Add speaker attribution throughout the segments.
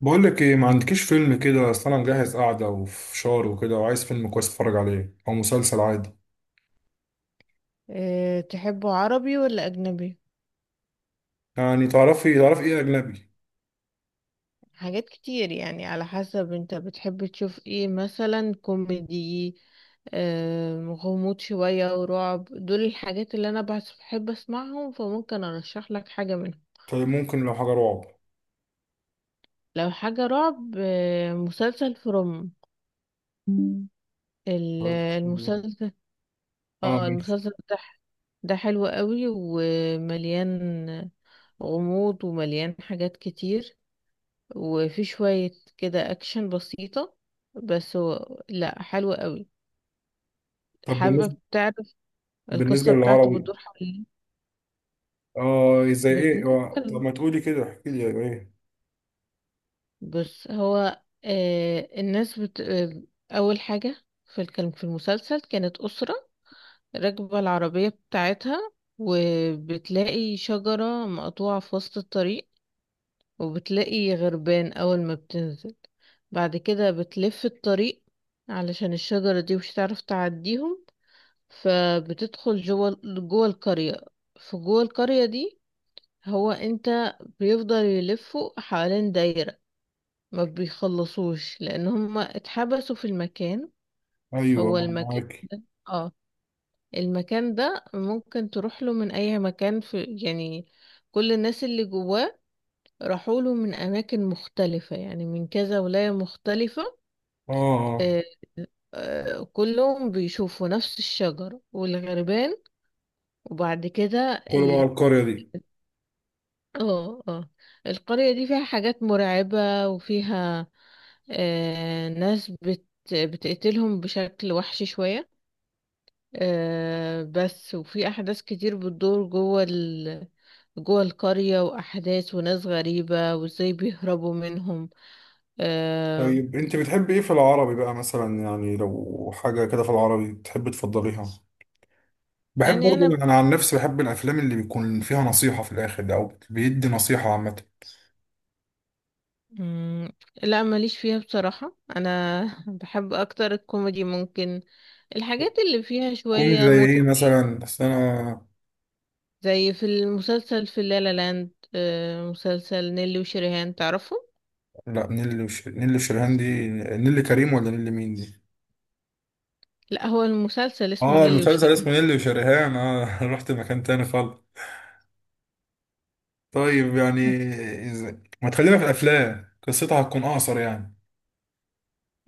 Speaker 1: بقول لك ايه، ما عندكيش فيلم كده؟ اصل انا مجهز قعده وفشار وكده، وعايز فيلم كويس اتفرج عليه او مسلسل عادي.
Speaker 2: أه تحبه عربي ولا أجنبي؟
Speaker 1: يعني تعرفي ايه اجنبي؟
Speaker 2: حاجات كتير يعني على حسب انت بتحب تشوف ايه، مثلا كوميدي، أه غموض شوية ورعب. دول الحاجات اللي أنا بحب أسمعهم، فممكن أرشح لك حاجة منهم.
Speaker 1: طيب، ممكن لو حاجه رعب.
Speaker 2: لو حاجة رعب، أه مسلسل فروم. مم. المسلسل،
Speaker 1: اه،
Speaker 2: اه
Speaker 1: ماشي.
Speaker 2: المسلسل ده، ده حلو قوي ومليان غموض، ومليان حاجات كتير، وفي شوية كده أكشن بسيطة، بس هو لأ حلو قوي.
Speaker 1: طب
Speaker 2: حابب
Speaker 1: بالنسبه
Speaker 2: تعرف القصة
Speaker 1: بالنسبه
Speaker 2: بتاعته؟
Speaker 1: للعربي،
Speaker 2: بتدور حوالين
Speaker 1: اه زي ايه؟
Speaker 2: بنت
Speaker 1: طب
Speaker 2: حلو.
Speaker 1: ما تقولي كده، احكي لي ايه.
Speaker 2: بص هو آه الناس بت... آه أول حاجة في الكلام في المسلسل، كانت أسرة راكبة العربية بتاعتها، وبتلاقي شجرة مقطوعة في وسط الطريق، وبتلاقي غربان. أول ما بتنزل بعد كده بتلف الطريق، علشان الشجرة دي مش هتعرف تعديهم، فبتدخل جوه القرية. في جوه القرية دي، هو انت بيفضل يلفوا حوالين دايرة، ما بيخلصوش، لان هم اتحبسوا في المكان.
Speaker 1: ايوه،
Speaker 2: هو المكان
Speaker 1: معاكي.
Speaker 2: ده، اه المكان ده ممكن تروح له من اي مكان، في يعني كل الناس اللي جواه راحوا له من اماكن مختلفة، يعني من كذا ولاية مختلفة.
Speaker 1: اه، اه،
Speaker 2: آه، آه، كلهم بيشوفوا نفس الشجر والغربان. وبعد كده
Speaker 1: كل بقى القريه دي؟
Speaker 2: اه اه، القرية دي فيها حاجات مرعبة، وفيها آه ناس بت بتقتلهم بشكل وحشي شوية. آه بس، وفي أحداث كتير بتدور جوه القرية، وأحداث وناس غريبة، وازاي بيهربوا منهم. آه،
Speaker 1: طيب، انت بتحبي ايه في العربي بقى مثلا؟ يعني لو حاجه كده في العربي تحبي تفضليها. بحب
Speaker 2: يعني
Speaker 1: برضه،
Speaker 2: أنا
Speaker 1: انا عن نفسي بحب الافلام اللي بيكون فيها نصيحه في الاخر ده، او بيدي نصيحه عامه.
Speaker 2: مم، لا ماليش فيها بصراحة. أنا بحب أكتر الكوميدي، ممكن الحاجات اللي فيها
Speaker 1: كوميدي
Speaker 2: شوية
Speaker 1: زي ايه
Speaker 2: متعة.
Speaker 1: مثلا؟ بس انا.
Speaker 2: زي في المسلسل في لا لا لاند، آه، مسلسل نيلي وشريهان، تعرفه؟
Speaker 1: لا، نيللي وشريهان دي، نيللي كريم ولا نيللي مين دي؟
Speaker 2: لا هو المسلسل اسمه
Speaker 1: اه،
Speaker 2: نيلي
Speaker 1: المسلسل
Speaker 2: وشريهان.
Speaker 1: اسمه نيللي وشريهان، اه رحت مكان تاني خالص. طيب يعني إز- ما تخلينا في الافلام، قصتها هتكون اقصر يعني.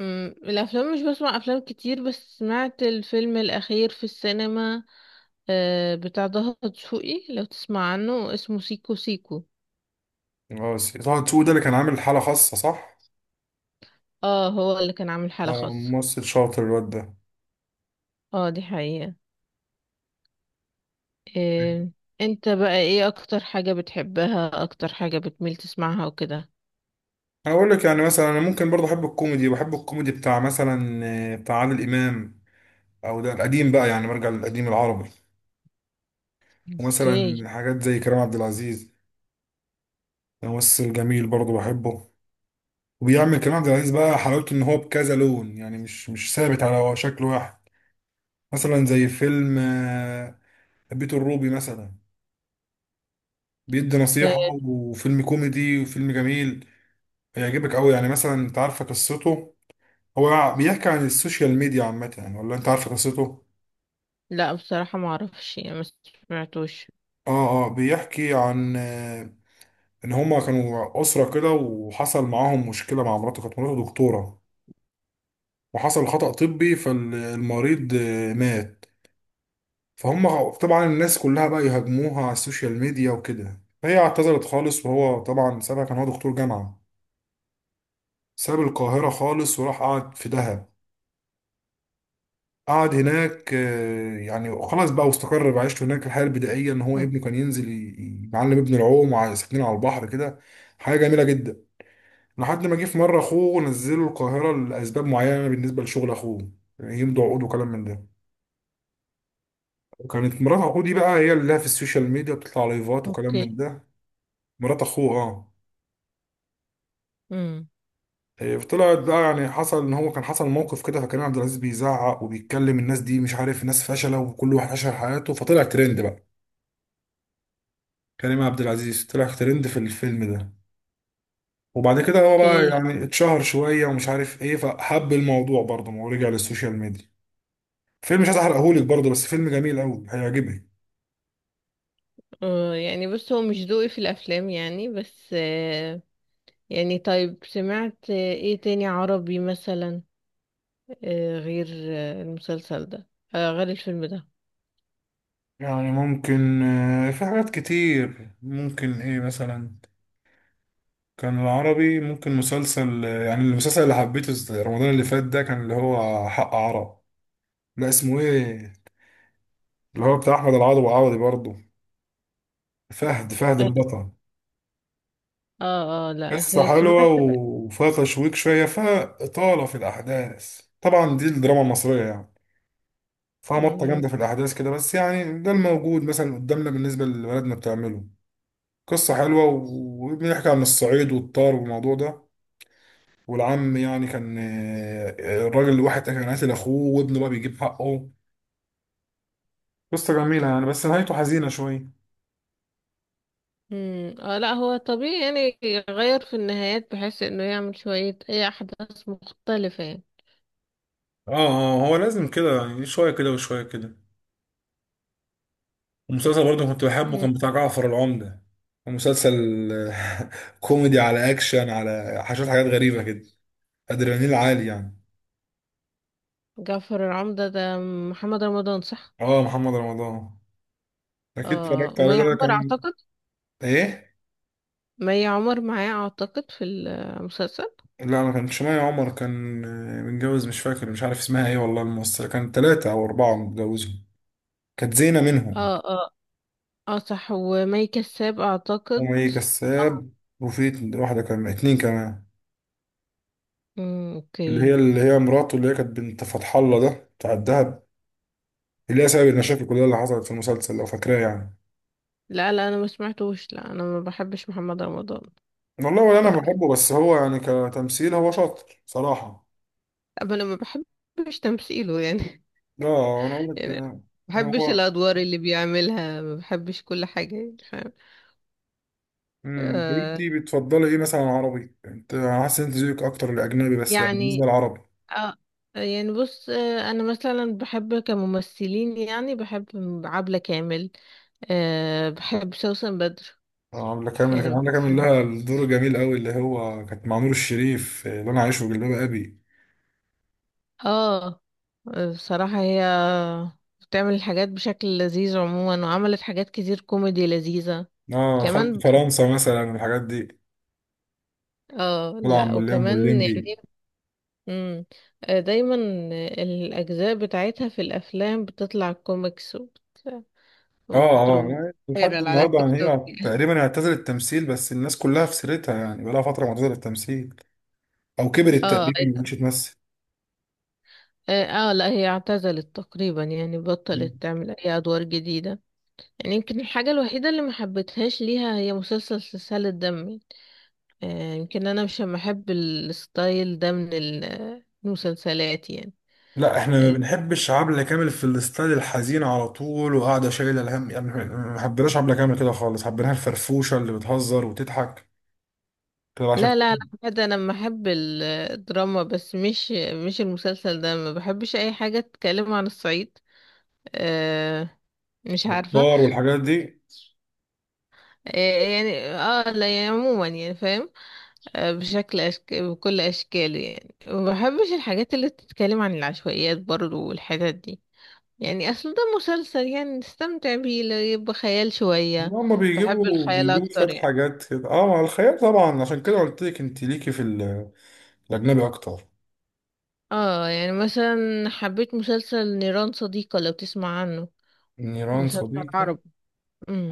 Speaker 2: الافلام مش بسمع افلام كتير، بس سمعت الفيلم الاخير في السينما، آه، بتاع ضهر دسوقي، لو تسمع عنه، اسمه سيكو سيكو.
Speaker 1: خلاص، طه دسوقي ده اللي كان عامل حاله خاصه، صح؟
Speaker 2: اه هو اللي كان عامل حالة
Speaker 1: اه،
Speaker 2: خاصة.
Speaker 1: ممثل شاطر الواد ده.
Speaker 2: اه دي حقيقة. آه، انت بقى ايه اكتر حاجة بتحبها، اكتر حاجة بتميل تسمعها وكده؟
Speaker 1: انا اقول لك يعني، مثلا انا ممكن برضه احب الكوميدي، بحب الكوميدي بتاع مثلا بتاع عادل امام. او ده القديم بقى، يعني برجع للقديم العربي،
Speaker 2: اوكي.
Speaker 1: ومثلا حاجات زي كريم عبد العزيز. ده ممثل جميل برضه بحبه. وبيعمل كريم عبد العزيز بقى، حلاوته ان هو بكذا لون يعني، مش ثابت على شكل واحد. مثلا زي فيلم بيت الروبي مثلا، بيدي نصيحة،
Speaker 2: آه،
Speaker 1: وفيلم كوميدي، وفيلم جميل. هيعجبك قوي يعني. مثلا انت عارفه قصته؟ هو بيحكي عن السوشيال ميديا عامة يعني، ولا انت عارفه قصته؟
Speaker 2: لا بصراحة ما اعرفش، يعني ما سمعتوش.
Speaker 1: اه، اه، بيحكي عن ان هما كانوا اسره كده، وحصل معاهم مشكله مع مراته، كانت مراته دكتوره. وحصل خطأ طبي، فالمريض مات. فهم طبعا الناس كلها بقى يهاجموها على السوشيال ميديا وكده، فهي اعتذرت خالص، وهو طبعا سابها، كان هو دكتور جامعه. ساب القاهره خالص، وراح قعد في دهب. قعد هناك، يعني خلاص بقى واستقر بعيشته هناك، الحياه البدائيه ان هو ابنه كان ينزل يعلم ابنه العوم، وساكنين على البحر كده. حاجه جميله جدا. لحد ما جه في مره اخوه نزله القاهره لاسباب معينه بالنسبه لشغل اخوه، يمضي عقود وكلام من ده. وكانت مرات اخوه دي بقى هي اللي لها في السوشيال ميديا، بتطلع لايفات وكلام
Speaker 2: اوكي.
Speaker 1: من ده. مرات اخوه، اه،
Speaker 2: امم.
Speaker 1: إيه، طلعت بقى، يعني حصل ان هو كان حصل موقف كده، فكان عبد العزيز بيزعق وبيتكلم، الناس دي مش عارف، ناس فشله وكل واحد عاش حياته، فطلع ترند بقى. كريم عبد العزيز طلع ترند في الفيلم ده. وبعد كده هو بقى
Speaker 2: اوكي.
Speaker 1: يعني اتشهر شويه ومش عارف ايه، فحب الموضوع برضه، ما هو رجع للسوشيال ميديا. فيلم، مش عايز احرقهولك برضه، بس فيلم جميل قوي هيعجبك.
Speaker 2: آه يعني بص، هو مش ذوقي في الافلام يعني، بس آه، يعني طيب سمعت آه ايه تاني عربي مثلا، آه غير آه المسلسل ده، آه غير الفيلم ده.
Speaker 1: يعني ممكن في حاجات كتير، ممكن ايه مثلا. كان العربي ممكن مسلسل يعني المسلسل اللي حبيته رمضان اللي فات ده، كان اللي هو حق عرب. لا، اسمه ايه؟ اللي هو بتاع احمد العوضي، وعوضي برضه. فهد
Speaker 2: اه
Speaker 1: البطل.
Speaker 2: اه. آه، لا
Speaker 1: قصة حلوة
Speaker 2: سمعت.
Speaker 1: وفيها تشويق شوية، فيها إطالة في الأحداث، طبعا دي الدراما المصرية يعني. فيها مطة
Speaker 2: مم.
Speaker 1: جامدة في الأحداث كده، بس يعني ده الموجود مثلا قدامنا، بالنسبة لبلدنا بتعمله. قصة حلوة وبنحكي عن الصعيد والطار والموضوع ده. والعم يعني كان الراجل الواحد كان قاتل اخوه، وابنه بقى بيجيب حقه. قصة جميلة يعني، بس نهايته حزينة شوية.
Speaker 2: مم. اه لا هو طبيعي يعني، يغير في النهايات، بحيث انه يعمل شوية اي احداث مختلفة يعني.
Speaker 1: اه، اه، هو لازم كده يعني، شوية كده وشوية كده. ومسلسل برضه كنت بحبه،
Speaker 2: آه،
Speaker 1: كان بتاع جعفر العمدة. مسلسل كوميدي على اكشن، على حاجات غريبة كده. ادرينالين عالي يعني.
Speaker 2: جعفر العمدة ده محمد رمضان، صح؟
Speaker 1: اه، محمد رمضان. اكيد
Speaker 2: اه
Speaker 1: اتفرجت عليه،
Speaker 2: ومي
Speaker 1: ده
Speaker 2: عمر
Speaker 1: كان.
Speaker 2: اعتقد.
Speaker 1: ايه؟
Speaker 2: مي عمر معاه اعتقد في المسلسل.
Speaker 1: لا، ما كانش مي عمر، كان متجوز، مش فاكر، مش عارف اسمها ايه والله الممثلة، كان 3 او 4 متجوزين. كانت زينة
Speaker 2: اه
Speaker 1: منهم.
Speaker 2: اه. اه صح، ومي كساب اعتقد.
Speaker 1: هم، ايه
Speaker 2: اه.
Speaker 1: كساب. وفي واحدة كمان، اتنين كمان.
Speaker 2: امم.
Speaker 1: اللي هي
Speaker 2: اوكي.
Speaker 1: اللي هي مراته، اللي هي كانت بنت فتح الله ده بتاع الدهب، اللي هي سبب المشاكل كلها اللي حصلت في المسلسل، لو فاكراه يعني.
Speaker 2: لا لا انا ما سمعتوش، لا انا ما بحبش محمد رمضان.
Speaker 1: والله، ولا
Speaker 2: ف
Speaker 1: انا بحبه، بس هو يعني كتمثيل هو شاطر صراحة.
Speaker 2: أما انا ما بحبش تمثيله يعني.
Speaker 1: لا، انا اقول لك
Speaker 2: يعني ما بحبش
Speaker 1: هو.
Speaker 2: الادوار اللي بيعملها، ما بحبش كل حاجه يعني، فاهم؟ آه
Speaker 1: انتي بتفضلي ايه مثلا عربي؟ انت، أنا حاسس ان انت ذوقك اكتر الاجنبي، بس يعني بالنسبة
Speaker 2: يعني،
Speaker 1: للعربي؟
Speaker 2: آه يعني بص، آه انا مثلا بحب كممثلين، يعني بحب عبلة كامل، آه بحب سوسن بدر.
Speaker 1: عاملة كامل، كان
Speaker 2: يعني
Speaker 1: عاملة كامل لها الدور الجميل قوي اللي هو كانت مع نور الشريف، اللي انا عايشه في جلباب ابي.
Speaker 2: اه بصراحة هي بتعمل حاجات بشكل لذيذ عموما، وعملت حاجات كتير كوميدي لذيذة.
Speaker 1: اه، خلط
Speaker 2: كمان ب-
Speaker 1: فرنسا مثلا الحاجات دي.
Speaker 2: اه لا
Speaker 1: مولين
Speaker 2: وكمان
Speaker 1: والليمبي.
Speaker 2: يعني، مم. آه، دايما الأجزاء بتاعتها في الأفلام بتطلع كوميكس
Speaker 1: اه، اه،
Speaker 2: وبتروح
Speaker 1: يعني لحد
Speaker 2: فايرال على
Speaker 1: النهارده
Speaker 2: التيك
Speaker 1: يعني،
Speaker 2: توك.
Speaker 1: هي تقريبا اعتزلت التمثيل، بس الناس كلها في سيرتها يعني، بقالها فتره معتزله التمثيل. او كبرت
Speaker 2: اه
Speaker 1: تقريبا، ما
Speaker 2: ايوه.
Speaker 1: بقتش تمثل.
Speaker 2: اه. آه، لا هي اعتزلت تقريبا، يعني بطلت تعمل أي أدوار جديدة. يعني يمكن الحاجة الوحيدة اللي ما حبيتهاش ليها هي مسلسل سلسال الدم. آه، يمكن انا مش بحب الستايل ده من المسلسلات يعني.
Speaker 1: لا، احنا ما
Speaker 2: ال-
Speaker 1: بنحبش عبلة كامل في الستايل الحزين على طول، وقاعده شايله الهم يعني، احنا ما حبيناش عبلة كامل كده خالص، حبيناها الفرفوشه اللي بتهزر وتضحك كده، عشان
Speaker 2: لا لا لا بجد انا بحب الدراما، بس مش، مش المسلسل ده. ما بحبش اي حاجه تتكلم عن الصعيد، آه، مش عارفه.
Speaker 1: بطار والحاجات دي.
Speaker 2: آه يعني اه لا يعني عموما يعني فاهم. آه بشكل بكل اشكاله، يعني ما بحبش الحاجات اللي بتتكلم عن العشوائيات برضو والحتت دي. يعني اصل ده مسلسل يعني نستمتع بيه، لا يبقى خيال
Speaker 1: إن
Speaker 2: شويه.
Speaker 1: هما
Speaker 2: بحب
Speaker 1: بيجيبوا
Speaker 2: الخيال
Speaker 1: بيجيبوا شويه
Speaker 2: اكتر يعني.
Speaker 1: حاجات كده، اه، مع الخيال طبعا، عشان كده قلت لك انت ليكي في ال، الأجنبي أكتر.
Speaker 2: اه يعني مثلا حبيت مسلسل نيران صديقة، لو تسمع عنه.
Speaker 1: نيران
Speaker 2: مسلسل
Speaker 1: صديقة.
Speaker 2: عربي.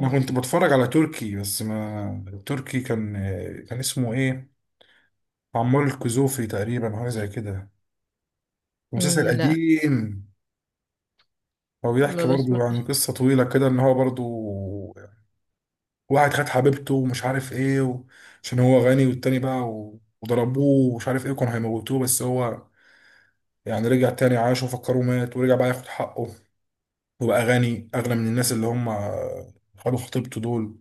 Speaker 1: أنا كنت بتفرج على تركي، بس ما تركي، كان كان اسمه إيه؟ عمار الكزوفي تقريبا، حاجة زي كده، مسلسل
Speaker 2: امم. لا
Speaker 1: قديم. هو
Speaker 2: ما
Speaker 1: بيحكي برضو عن
Speaker 2: بسمعش.
Speaker 1: قصة طويلة كده، إن هو برضو واحد خد حبيبته، ومش عارف إيه و، عشان هو غني، والتاني بقى و، وضربوه ومش عارف إيه، كانوا هيموتوه، بس هو يعني رجع تاني، عاش وفكره مات، ورجع بقى ياخد حقه. وبقى غني أغنى من الناس اللي هم خدوا خطيبته دول.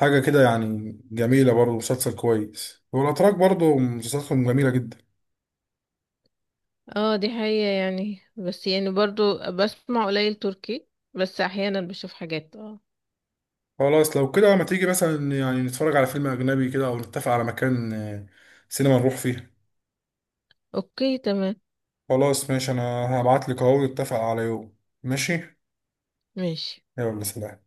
Speaker 1: حاجة كده يعني، جميلة برضه، مسلسل كويس، والأتراك برضه مسلسلاتهم جميلة جدا.
Speaker 2: اه دي حقيقة يعني، بس يعني برضو بسمع قليل تركي، بس احيانا بشوف حاجات اه.
Speaker 1: خلاص لو كده، ما تيجي مثلا يعني نتفرج على فيلم أجنبي كده، أو نتفق على مكان سينما نروح فيه.
Speaker 2: اوكي تمام.
Speaker 1: خلاص ماشي، أنا هبعتلك أهو، نتفق على يوم. ماشي.
Speaker 2: ماشي.
Speaker 1: يلا، سلام.